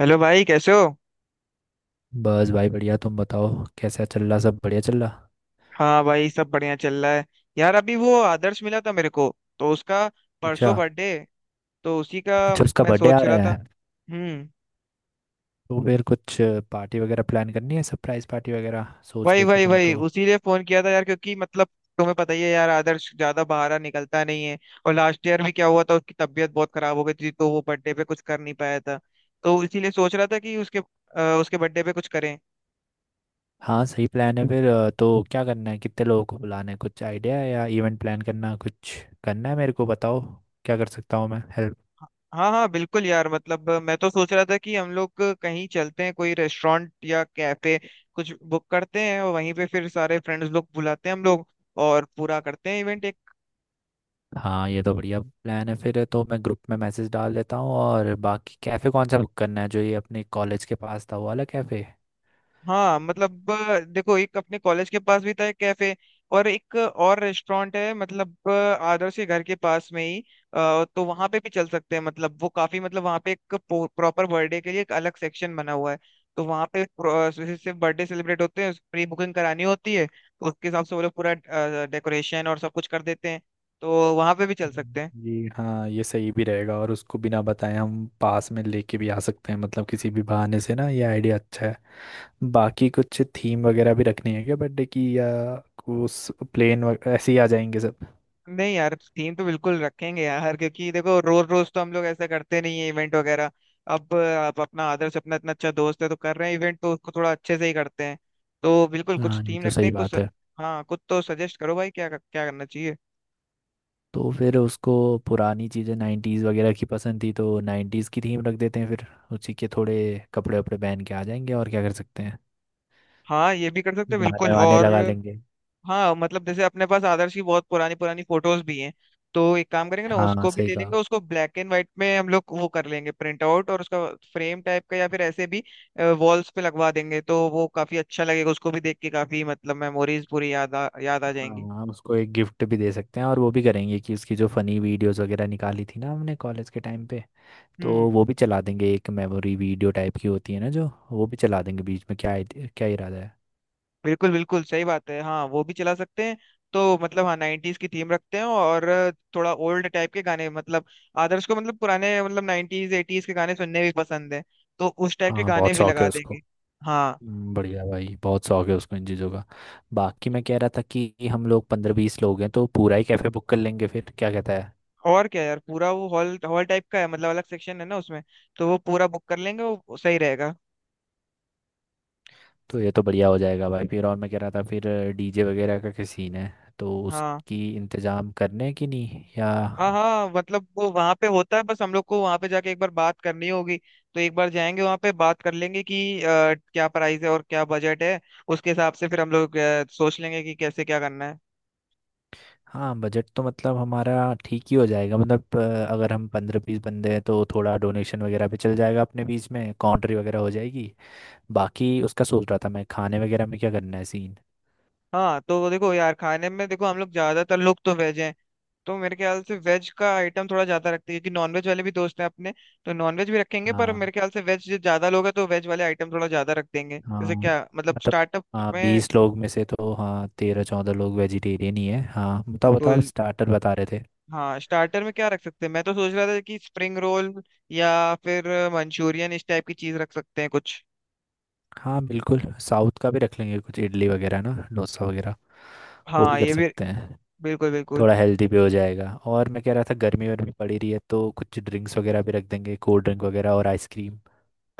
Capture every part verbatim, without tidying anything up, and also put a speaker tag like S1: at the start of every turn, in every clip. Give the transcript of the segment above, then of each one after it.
S1: Hello भाई, कैसे हो।
S2: बस भाई बढ़िया। तुम बताओ कैसा चल रहा, सब बढ़िया चल रहा।
S1: हाँ भाई, सब बढ़िया चल रहा है। यार, अभी वो आदर्श मिला था मेरे को, तो उसका
S2: अच्छा।
S1: परसों बर्थडे, तो उसी का
S2: अच्छा, उसका
S1: मैं
S2: बर्थडे आ
S1: सोच रहा
S2: रहा
S1: था।
S2: है।
S1: हम्म।
S2: तो फिर कुछ पार्टी वगैरह प्लान करनी है, सरप्राइज पार्टी वगैरह सोच
S1: वही
S2: रहे थे
S1: वही
S2: तुम
S1: वही,
S2: तो?
S1: उसीलिए फोन किया था यार, क्योंकि मतलब तुम्हें पता ही है यार, आदर्श ज्यादा बाहर निकलता नहीं है। और लास्ट ईयर भी क्या हुआ था, उसकी तबीयत बहुत खराब हो गई थी तो वो बर्थडे पे कुछ कर नहीं पाया था। तो इसीलिए सोच रहा था कि उसके अ, उसके बर्थडे पे कुछ करें।
S2: हाँ सही प्लान है फिर। अ, तो क्या करना है, कितने लोगों को बुलाना है, कुछ आइडिया है या इवेंट प्लान करना कुछ करना है, मेरे को बताओ क्या कर सकता हूँ मैं हेल्प।
S1: हाँ हाँ, बिल्कुल यार, मतलब मैं तो सोच रहा था कि हम लोग कहीं चलते हैं, कोई रेस्टोरेंट या कैफे कुछ बुक करते हैं, और वहीं पे फिर सारे फ्रेंड्स लोग बुलाते हैं हम लोग, और पूरा करते हैं इवेंट।
S2: हाँ ये तो बढ़िया प्लान है फिर। तो मैं ग्रुप में मैसेज डाल देता हूँ और बाकी कैफ़े कौन सा बुक करना है, जो ये अपने कॉलेज के पास था वो वाला कैफ़े?
S1: हाँ मतलब अ, देखो, एक अपने कॉलेज के पास भी था एक कैफे, और एक और रेस्टोरेंट है मतलब अ, आदर्श के घर के पास में ही। अ, तो वहां पे भी चल सकते हैं, मतलब वो काफी, मतलब वहां पे एक प्रॉपर बर्थडे के लिए एक अलग सेक्शन बना हुआ है। तो वहां पे pro- सिर्फ सिर्फ बर्थडे सेलिब्रेट होते हैं, प्री बुकिंग करानी होती है, तो उसके हिसाब से वो लोग पूरा डेकोरेशन और सब कुछ कर देते हैं। तो वहां पे भी चल सकते हैं।
S2: जी हाँ, ये सही भी रहेगा और उसको बिना बताए हम पास में लेके भी आ सकते हैं, मतलब किसी भी बहाने से ना, ये आइडिया अच्छा है। बाकी कुछ थीम वगैरह भी रखनी है क्या बर्थडे की, या उस प्लेन ऐसे ही आ जाएंगे सब?
S1: नहीं यार, थीम तो बिल्कुल रखेंगे यार, क्योंकि देखो रोज रोज तो हम लोग ऐसा करते नहीं है इवेंट वगैरह। अब अब अपना आदर्श अपना इतना अच्छा दोस्त है, तो कर रहे हैं इवेंट, तो उसको थोड़ा अच्छे से ही करते हैं। तो बिल्कुल कुछ
S2: हाँ ये
S1: थीम
S2: तो
S1: रखते
S2: सही
S1: हैं कुछ।
S2: बात है।
S1: हाँ, कुछ तो सजेस्ट करो भाई, क्या क्या करना चाहिए।
S2: तो फिर उसको पुरानी चीज़ें, नाइन्टीज़ वगैरह की पसंद थी, तो नाइन्टीज़ की थीम रख देते हैं फिर। उसी के थोड़े कपड़े वपड़े पहन के आ जाएंगे, और क्या कर सकते हैं,
S1: हाँ, ये भी कर सकते हैं
S2: गाने
S1: बिल्कुल।
S2: वाने
S1: और
S2: लगा लेंगे।
S1: हाँ मतलब जैसे अपने पास आदर्श की बहुत पुरानी पुरानी फोटोज भी हैं। तो एक काम करेंगे ना,
S2: हाँ
S1: उसको भी
S2: सही
S1: ले लेंगे,
S2: कहा।
S1: उसको ब्लैक एंड व्हाइट में हम लोग वो कर लेंगे प्रिंट आउट, और उसका फ्रेम टाइप का या फिर ऐसे भी वॉल्स पे लगवा देंगे, तो वो काफी अच्छा लगेगा, उसको भी देख के काफी मतलब मेमोरीज पूरी याद आ याद आ
S2: हाँ।
S1: जाएंगी।
S2: हम उसको एक गिफ्ट भी दे सकते हैं, और वो भी करेंगे कि उसकी जो फनी वीडियोस वगैरह निकाली थी ना हमने कॉलेज के टाइम पे, तो
S1: हम्म।
S2: वो भी चला देंगे। एक मेमोरी वीडियो टाइप की होती है ना जो, वो भी चला देंगे बीच में, क्या आइड- क्या इरादा है?
S1: बिल्कुल बिल्कुल सही बात है, हाँ वो भी चला सकते हैं। तो मतलब हाँ, नाइन्टीज की थीम रखते हैं और थोड़ा ओल्ड टाइप के गाने, मतलब आदर्श को मतलब पुराने, मतलब नाइन्टीज एटीज के गाने सुनने भी पसंद है। तो उस टाइप के
S2: हाँ
S1: गाने
S2: बहुत
S1: भी
S2: शौक है
S1: लगा
S2: उसको।
S1: देंगे। हाँ
S2: हम्म, बढ़िया भाई, बहुत शौक है उसको इन चीज़ों का। बाकी मैं कह रहा था कि हम लोग पंद्रह बीस लोग हैं, तो पूरा ही कैफ़े बुक कर लेंगे फिर, क्या कहता है?
S1: और क्या यार, पूरा वो हॉल हॉल टाइप का है, मतलब अलग सेक्शन है ना उसमें, तो वो पूरा बुक कर लेंगे, वो सही रहेगा।
S2: तो ये तो बढ़िया हो जाएगा भाई फिर। और मैं कह रहा था, फिर डीजे वगैरह का क्या सीन है, तो
S1: हाँ
S2: उसकी इंतज़ाम करने की नहीं या?
S1: हाँ हाँ, मतलब वो वहां पे होता है, बस हम लोग को वहां पे जाके एक बार बात करनी होगी। तो एक बार जाएंगे वहां पे बात कर लेंगे कि अ, क्या प्राइस है और क्या बजट है, उसके हिसाब से फिर हम लोग अ, सोच लेंगे कि कैसे क्या करना है।
S2: हाँ बजट तो मतलब हमारा ठीक ही हो जाएगा। मतलब अ, अगर हम पंद्रह बीस बंदे हैं तो थोड़ा डोनेशन वगैरह भी चल जाएगा, अपने बीच में काउंट्री वगैरह हो जाएगी। बाकी उसका सोच रहा था मैं, खाने वगैरह में क्या करना है सीन?
S1: हाँ तो देखो यार, खाने में देखो, हम लोग ज्यादातर लोग तो वेज हैं। तो मेरे ख्याल से वेज का आइटम थोड़ा ज्यादा रखते हैं, क्योंकि नॉनवेज वाले भी दोस्त हैं अपने, तो नॉनवेज भी रखेंगे, पर
S2: हाँ
S1: मेरे ख्याल से वेज ज्यादा लोग हैं तो वेज वाले आइटम थोड़ा ज्यादा रख देंगे,
S2: हाँ
S1: जैसे क्या मतलब
S2: मतलब,
S1: स्टार्टअप
S2: हाँ
S1: में,
S2: बीस लोग में से तो हाँ तेरह चौदह लोग वेजिटेरियन ही है। हाँ बताओ बताओ,
S1: बिल्कुल।
S2: स्टार्टर बता रहे थे।
S1: हाँ, स्टार्टर में क्या रख सकते हैं, मैं तो सोच रहा था कि स्प्रिंग रोल या फिर मंचूरियन इस टाइप की चीज रख सकते हैं कुछ।
S2: हाँ बिल्कुल। साउथ का भी रख लेंगे कुछ, इडली वगैरह ना, डोसा वगैरह, वो भी
S1: हाँ
S2: कर
S1: ये भी,
S2: सकते हैं।
S1: बिल्कुल बिल्कुल।
S2: थोड़ा हेल्दी भी हो जाएगा। और मैं कह रहा था गर्मी वर्मी पड़ी रही है, तो कुछ ड्रिंक्स वगैरह भी रख देंगे, कोल्ड ड्रिंक वगैरह और आइसक्रीम।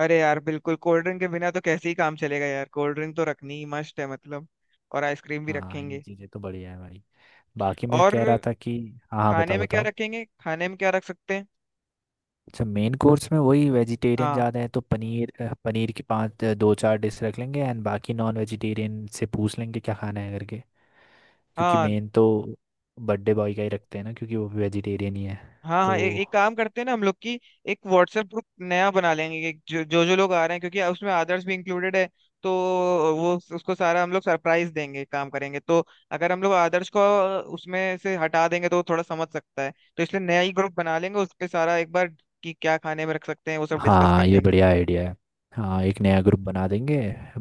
S1: अरे यार बिल्कुल, कोल्ड ड्रिंक के बिना तो कैसे ही काम चलेगा यार, कोल्ड ड्रिंक तो रखनी ही मस्ट है मतलब, और आइसक्रीम भी
S2: हाँ ये
S1: रखेंगे।
S2: चीज़ें तो बढ़िया है भाई। बाकी मैं कह रहा
S1: और
S2: था कि, हाँ हाँ
S1: खाने
S2: बताओ
S1: में क्या
S2: बताओ।
S1: रखेंगे, खाने में क्या रख सकते हैं।
S2: अच्छा, मेन कोर्स में वही वेजिटेरियन
S1: हाँ,
S2: ज़्यादा है तो पनीर, अ, पनीर की पाँच अ, दो चार डिश रख लेंगे, एंड बाकी नॉन वेजिटेरियन से पूछ लेंगे क्या खाना है करके। क्योंकि
S1: हाँ
S2: मेन तो बर्थडे बॉय का ही रखते हैं ना, क्योंकि वो भी वेजिटेरियन ही है
S1: हाँ हाँ, ए,
S2: तो।
S1: एक काम करते हैं ना हम लोग की, एक व्हाट्सएप ग्रुप नया बना लेंगे, एक, जो जो जो लोग आ रहे हैं, क्योंकि उसमें आदर्श भी इंक्लूडेड है, तो वो उस- उसको सारा हम लोग सरप्राइज देंगे काम करेंगे, तो अगर हम लोग आदर्श को उसमें से हटा देंगे तो वो थोड़ा समझ सकता है, तो इसलिए नया ही ग्रुप बना लेंगे, उस पे सारा एक बार कि क्या खाने में रख सकते हैं वो सब डिस्कस
S2: हाँ
S1: कर
S2: ये
S1: लेंगे।
S2: बढ़िया आइडिया है। हाँ एक नया ग्रुप बना देंगे।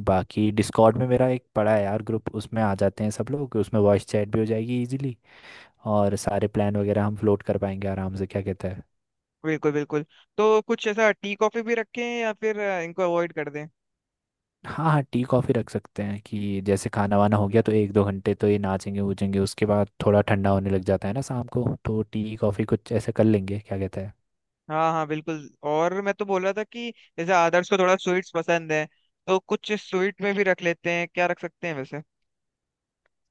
S2: बाकी डिस्कॉर्ड में मेरा एक पड़ा है यार ग्रुप, उसमें आ जाते हैं सब लोग, उसमें वॉइस चैट भी हो जाएगी इजीली। और सारे प्लान वगैरह हम फ्लोट कर पाएंगे आराम से, क्या कहता है?
S1: बिल्कुल बिल्कुल। तो कुछ ऐसा टी कॉफी भी रखें या फिर अ, इनको अवॉइड कर दें।
S2: हाँ हाँ, टी कॉफ़ी रख सकते हैं। कि जैसे खाना वाना हो गया तो एक दो घंटे तो ये नाचेंगे वूचेंगे, उसके बाद थोड़ा ठंडा होने लग जाता है ना शाम को, तो टी कॉफ़ी कुछ ऐसे कर लेंगे, क्या कहता है?
S1: हाँ हाँ बिल्कुल। और मैं तो बोल रहा था कि जैसे आदर्श को थोड़ा स्वीट्स पसंद है, तो कुछ स्वीट में भी रख लेते हैं, क्या रख सकते हैं वैसे।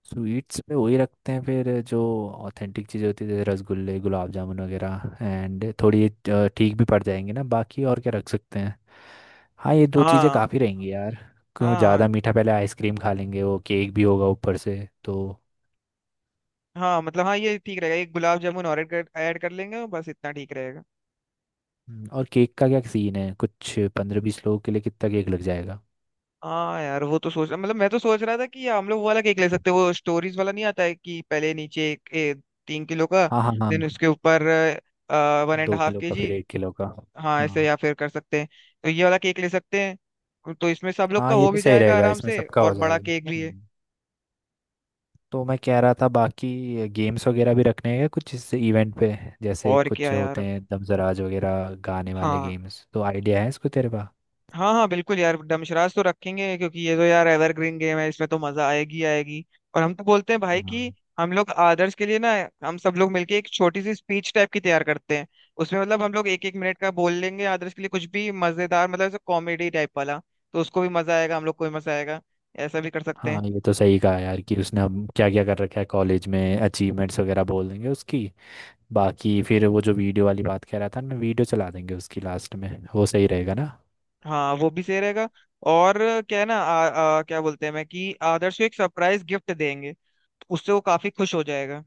S2: स्वीट्स में वही रखते हैं फिर जो ऑथेंटिक चीज़ें होती है, जैसे रसगुल्ले गुलाब जामुन वगैरह, एंड थोड़ी अ, ठीक भी पड़ जाएंगे ना, बाकी और क्या रख सकते हैं? हाँ ये दो चीज़ें
S1: हाँ
S2: काफ़ी रहेंगी यार, क्यों
S1: हाँ
S2: ज़्यादा मीठा, पहले आइसक्रीम खा लेंगे वो, केक भी होगा ऊपर से तो।
S1: हाँ, मतलब हाँ ये ठीक रहेगा, एक गुलाब जामुन और ऐड कर ऐड कर लेंगे, और बस इतना ठीक रहेगा।
S2: हम्म, और केक का क्या सीन है, कुछ पंद्रह बीस लोगों के लिए कितना केक लग जाएगा?
S1: हाँ यार, वो तो सोच मतलब मैं तो सोच रहा था कि हम लोग वो वाला केक ले सकते हैं, वो स्टोरीज वाला नहीं आता है कि पहले नीचे एक, ए, तीन किलो का,
S2: हाँ हाँ हाँ
S1: देन
S2: हाँ,
S1: उसके ऊपर वन एंड
S2: दो
S1: हाफ
S2: किलो
S1: के
S2: का,
S1: जी
S2: फिर एक किलो का।
S1: हाँ ऐसे
S2: हाँ।
S1: या फिर कर सकते हैं। तो ये वाला केक ले सकते हैं, तो इसमें सब लोग का
S2: हाँ ये
S1: हो
S2: भी
S1: भी
S2: सही
S1: जाएगा
S2: रहेगा,
S1: आराम
S2: इसमें
S1: से,
S2: सबका
S1: और
S2: हो
S1: बड़ा
S2: जाएगा।
S1: केक भी है।
S2: हम्म। तो मैं कह रहा था बाकी गेम्स वगैरह भी रखने हैं कुछ इस इवेंट पे, जैसे
S1: और क्या
S2: कुछ होते
S1: यार,
S2: हैं दमजराज वगैरह गाने वाले
S1: हाँ
S2: गेम्स, तो आइडिया है इसको तेरे पास?
S1: हाँ हाँ बिल्कुल यार, डमशरास तो रखेंगे क्योंकि ये तो यार एवरग्रीन गेम है, इसमें तो मजा आएगी आएगी। और हम तो बोलते हैं भाई
S2: हाँ।
S1: कि हम लोग आदर्श के लिए ना, हम सब लोग मिलके एक छोटी सी स्पीच टाइप की तैयार करते हैं, उसमें मतलब हम लोग एक एक मिनट का बोल लेंगे आदर्श के लिए, कुछ भी मजेदार मतलब कॉमेडी टाइप वाला। तो उसको भी मजा आएगा, हम लोग को भी मजा आएगा, ऐसा भी कर सकते
S2: हाँ
S1: हैं।
S2: ये तो सही कहा यार, कि उसने अब क्या क्या कर रखा है कॉलेज में अचीवमेंट्स वगैरह, बोल देंगे उसकी। बाकी फिर वो जो वीडियो वाली बात कह रहा था मैं, वीडियो चला देंगे उसकी लास्ट में, वो सही रहेगा ना?
S1: हाँ वो भी सही रहेगा। और क्या है ना, आ, आ, क्या बोलते हैं मैं कि आदर्श को एक सरप्राइज गिफ्ट देंगे, तो उससे वो काफी खुश हो जाएगा।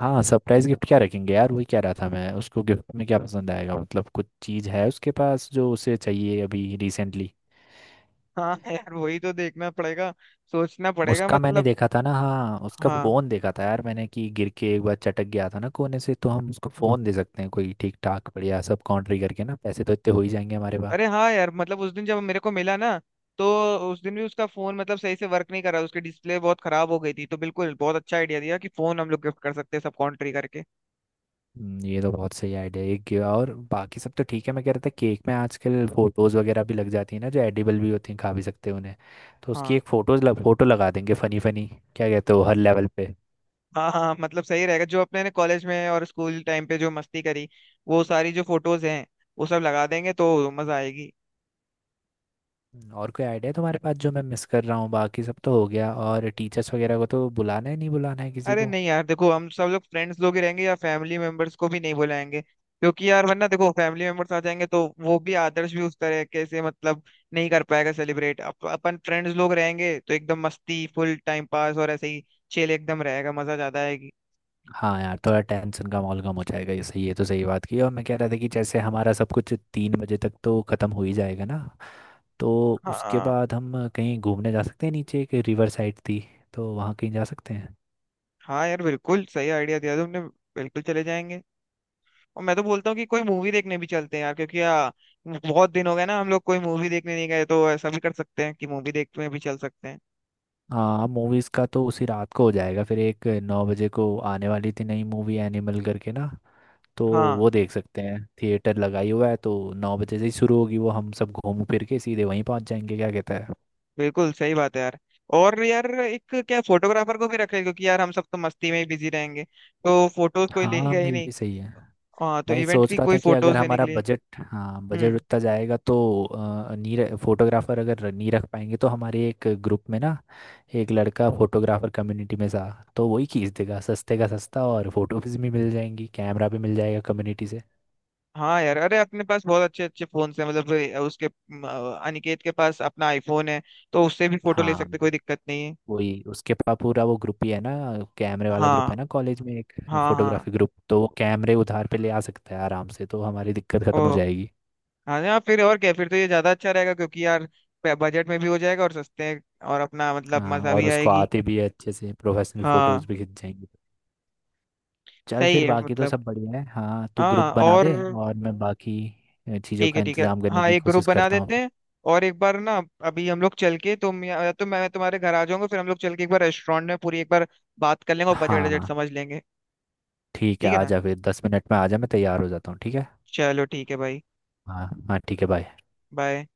S2: हाँ सरप्राइज गिफ्ट क्या रखेंगे यार, वही कह रहा था मैं उसको गिफ्ट में क्या पसंद आएगा, मतलब कुछ चीज़ है उसके पास जो उसे चाहिए अभी रिसेंटली?
S1: हाँ यार, वही तो देखना पड़ेगा, सोचना पड़ेगा
S2: उसका मैंने
S1: मतलब।
S2: देखा था ना, हाँ उसका
S1: हाँ,
S2: फोन देखा था यार मैंने, कि गिर के एक बार चटक गया था ना कोने से, तो हम उसको फोन दे सकते हैं कोई ठीक ठाक बढ़िया, सब काउंट्री करके ना, पैसे तो इतने हो ही जाएंगे हमारे पास।
S1: अरे हाँ यार, मतलब उस दिन जब मेरे को मिला ना, तो उस दिन भी उसका फोन मतलब सही से वर्क नहीं कर रहा, उसकी डिस्प्ले बहुत खराब हो गई थी, तो बिल्कुल बहुत अच्छा आइडिया दिया कि फोन हम लोग गिफ्ट कर सकते हैं सब कॉन्ट्री करके।
S2: हम्म, ये तो बहुत सही आइडिया है। एक ये, और बाकी सब तो ठीक है। मैं कह रहा था केक में आजकल फोटोज वगैरह भी लग जाती है ना, जो एडिबल भी होती हैं, खा भी सकते हैं उन्हें। तो उसकी
S1: हाँ
S2: एक फोटोज लग फोटो लगा देंगे फनी फनी, क्या कहते हो हर लेवल पे?
S1: हाँ हाँ, मतलब सही रहेगा, जो अपने ने कॉलेज में और स्कूल टाइम पे जो मस्ती करी, वो सारी जो फोटोज हैं वो सब लगा देंगे तो मजा आएगी।
S2: हम्म, और कोई आइडिया तुम्हारे पास जो मैं मिस कर रहा हूँ, बाकी सब तो हो गया। और टीचर्स वगैरह को तो बुलाना है नहीं, बुलाना है किसी
S1: अरे
S2: को?
S1: नहीं यार देखो, हम सब लोग फ्रेंड्स लोग ही रहेंगे या फैमिली मेंबर्स को भी नहीं बुलाएंगे, क्योंकि यार वरना देखो फैमिली मेंबर्स आ जाएंगे तो वो भी, आदर्श भी उस तरह के से मतलब नहीं कर पाएगा सेलिब्रेट, अप, अपन फ्रेंड्स लोग रहेंगे तो एकदम मस्ती, फुल टाइम पास, और ऐसे ही चिल एकदम रहेगा, मजा ज्यादा आएगी।
S2: हाँ यार थोड़ा टेंशन कम और कम हो जाएगा, ये सही, ये तो सही बात की। और मैं कह रहा था कि जैसे हमारा सब कुछ तीन बजे तक तो ख़त्म हो ही जाएगा ना, तो उसके
S1: हाँ
S2: बाद हम कहीं घूमने जा सकते हैं, नीचे एक रिवर साइड थी, तो वहाँ कहीं जा सकते हैं।
S1: हाँ यार, बिल्कुल सही आइडिया दिया तुमने, बिल्कुल चले जाएंगे। और मैं तो बोलता हूँ कि कोई मूवी देखने भी चलते हैं यार, क्योंकि यार बहुत दिन हो गए ना हम लोग कोई मूवी देखने नहीं गए, तो ऐसा भी कर सकते हैं कि मूवी देखने भी चल सकते हैं।
S2: हाँ मूवीज़ का तो उसी रात को हो जाएगा फिर, एक नौ बजे को आने वाली थी नई मूवी, एनिमल करके ना, तो
S1: हाँ,
S2: वो देख सकते हैं। थिएटर लगाई हुआ है तो नौ बजे से ही शुरू होगी वो, हम सब घूम फिर के सीधे वहीं पहुंच जाएंगे, क्या कहता है?
S1: बिल्कुल सही बात है यार। और यार एक क्या, फोटोग्राफर को भी रख ले, क्योंकि यार हम सब तो मस्ती में ही बिजी रहेंगे, तो फोटोज कोई
S2: हाँ
S1: लेगा ही
S2: ये
S1: नहीं।
S2: भी सही है।
S1: हाँ, तो
S2: मैं
S1: इवेंट
S2: सोच
S1: की
S2: रहा
S1: कोई
S2: था कि अगर
S1: फोटोज लेने के
S2: हमारा
S1: लिए।
S2: बजट, हाँ बजट
S1: हम्म।
S2: उतना जाएगा तो अ, नीर फोटोग्राफर अगर नहीं रख पाएंगे, तो हमारे एक ग्रुप में ना, एक लड़का फोटोग्राफर कम्युनिटी में था, तो वही खींच देगा सस्ते का सस्ता, और फोटोज भी मिल जाएंगी, कैमरा भी मिल जाएगा कम्युनिटी से।
S1: हाँ यार, अरे अपने पास बहुत अच्छे अच्छे फोन है, मतलब अ, उसके अम, अ, अनिकेत के पास अपना आईफोन है, तो उससे भी फोटो ले
S2: हाँ,
S1: सकते, कोई दिक्कत नहीं है।
S2: वही, उसके पास पूरा वो ग्रुप ही है ना, कैमरे वाला ग्रुप
S1: हाँ
S2: है ना कॉलेज में एक,
S1: हाँ हाँ।
S2: फोटोग्राफी ग्रुप, तो वो कैमरे उधार पे ले आ सकता है आराम से, तो हमारी दिक्कत खत्म हो
S1: ओ
S2: जाएगी।
S1: हाँ यार, फिर और क्या, फिर तो ये ज्यादा अच्छा रहेगा क्योंकि यार बजट में भी हो जाएगा और सस्ते, और अपना मतलब
S2: हाँ,
S1: मजा भी
S2: और उसको
S1: आएगी।
S2: आते भी है अच्छे से, प्रोफेशनल फोटोज
S1: हाँ
S2: भी खिंच जाएंगे। चल
S1: सही
S2: फिर
S1: है
S2: बाकी तो
S1: मतलब,
S2: सब बढ़िया है। हाँ तू
S1: हाँ
S2: ग्रुप बना
S1: और
S2: दे, और मैं बाकी चीज़ों
S1: ठीक
S2: का
S1: है ठीक है,
S2: इंतजाम करने
S1: हाँ
S2: की
S1: एक ग्रुप
S2: कोशिश
S1: बना
S2: करता हूँ
S1: देते
S2: फिर।
S1: हैं। और एक बार ना, अभी हम लोग चल के, तुम या या तो मैं तुम्हारे घर आ जाऊंगा, फिर हम लोग चल के एक बार रेस्टोरेंट में पूरी एक बार बात कर लेंगे, और बजट बजट
S2: हाँ
S1: समझ लेंगे।
S2: ठीक है,
S1: ठीक है
S2: आ
S1: ना।
S2: जा फिर दस मिनट में, आ जा मैं तैयार हो जाता हूँ, ठीक है।
S1: चलो ठीक है भाई।
S2: हाँ हाँ ठीक है, बाय।
S1: बाय।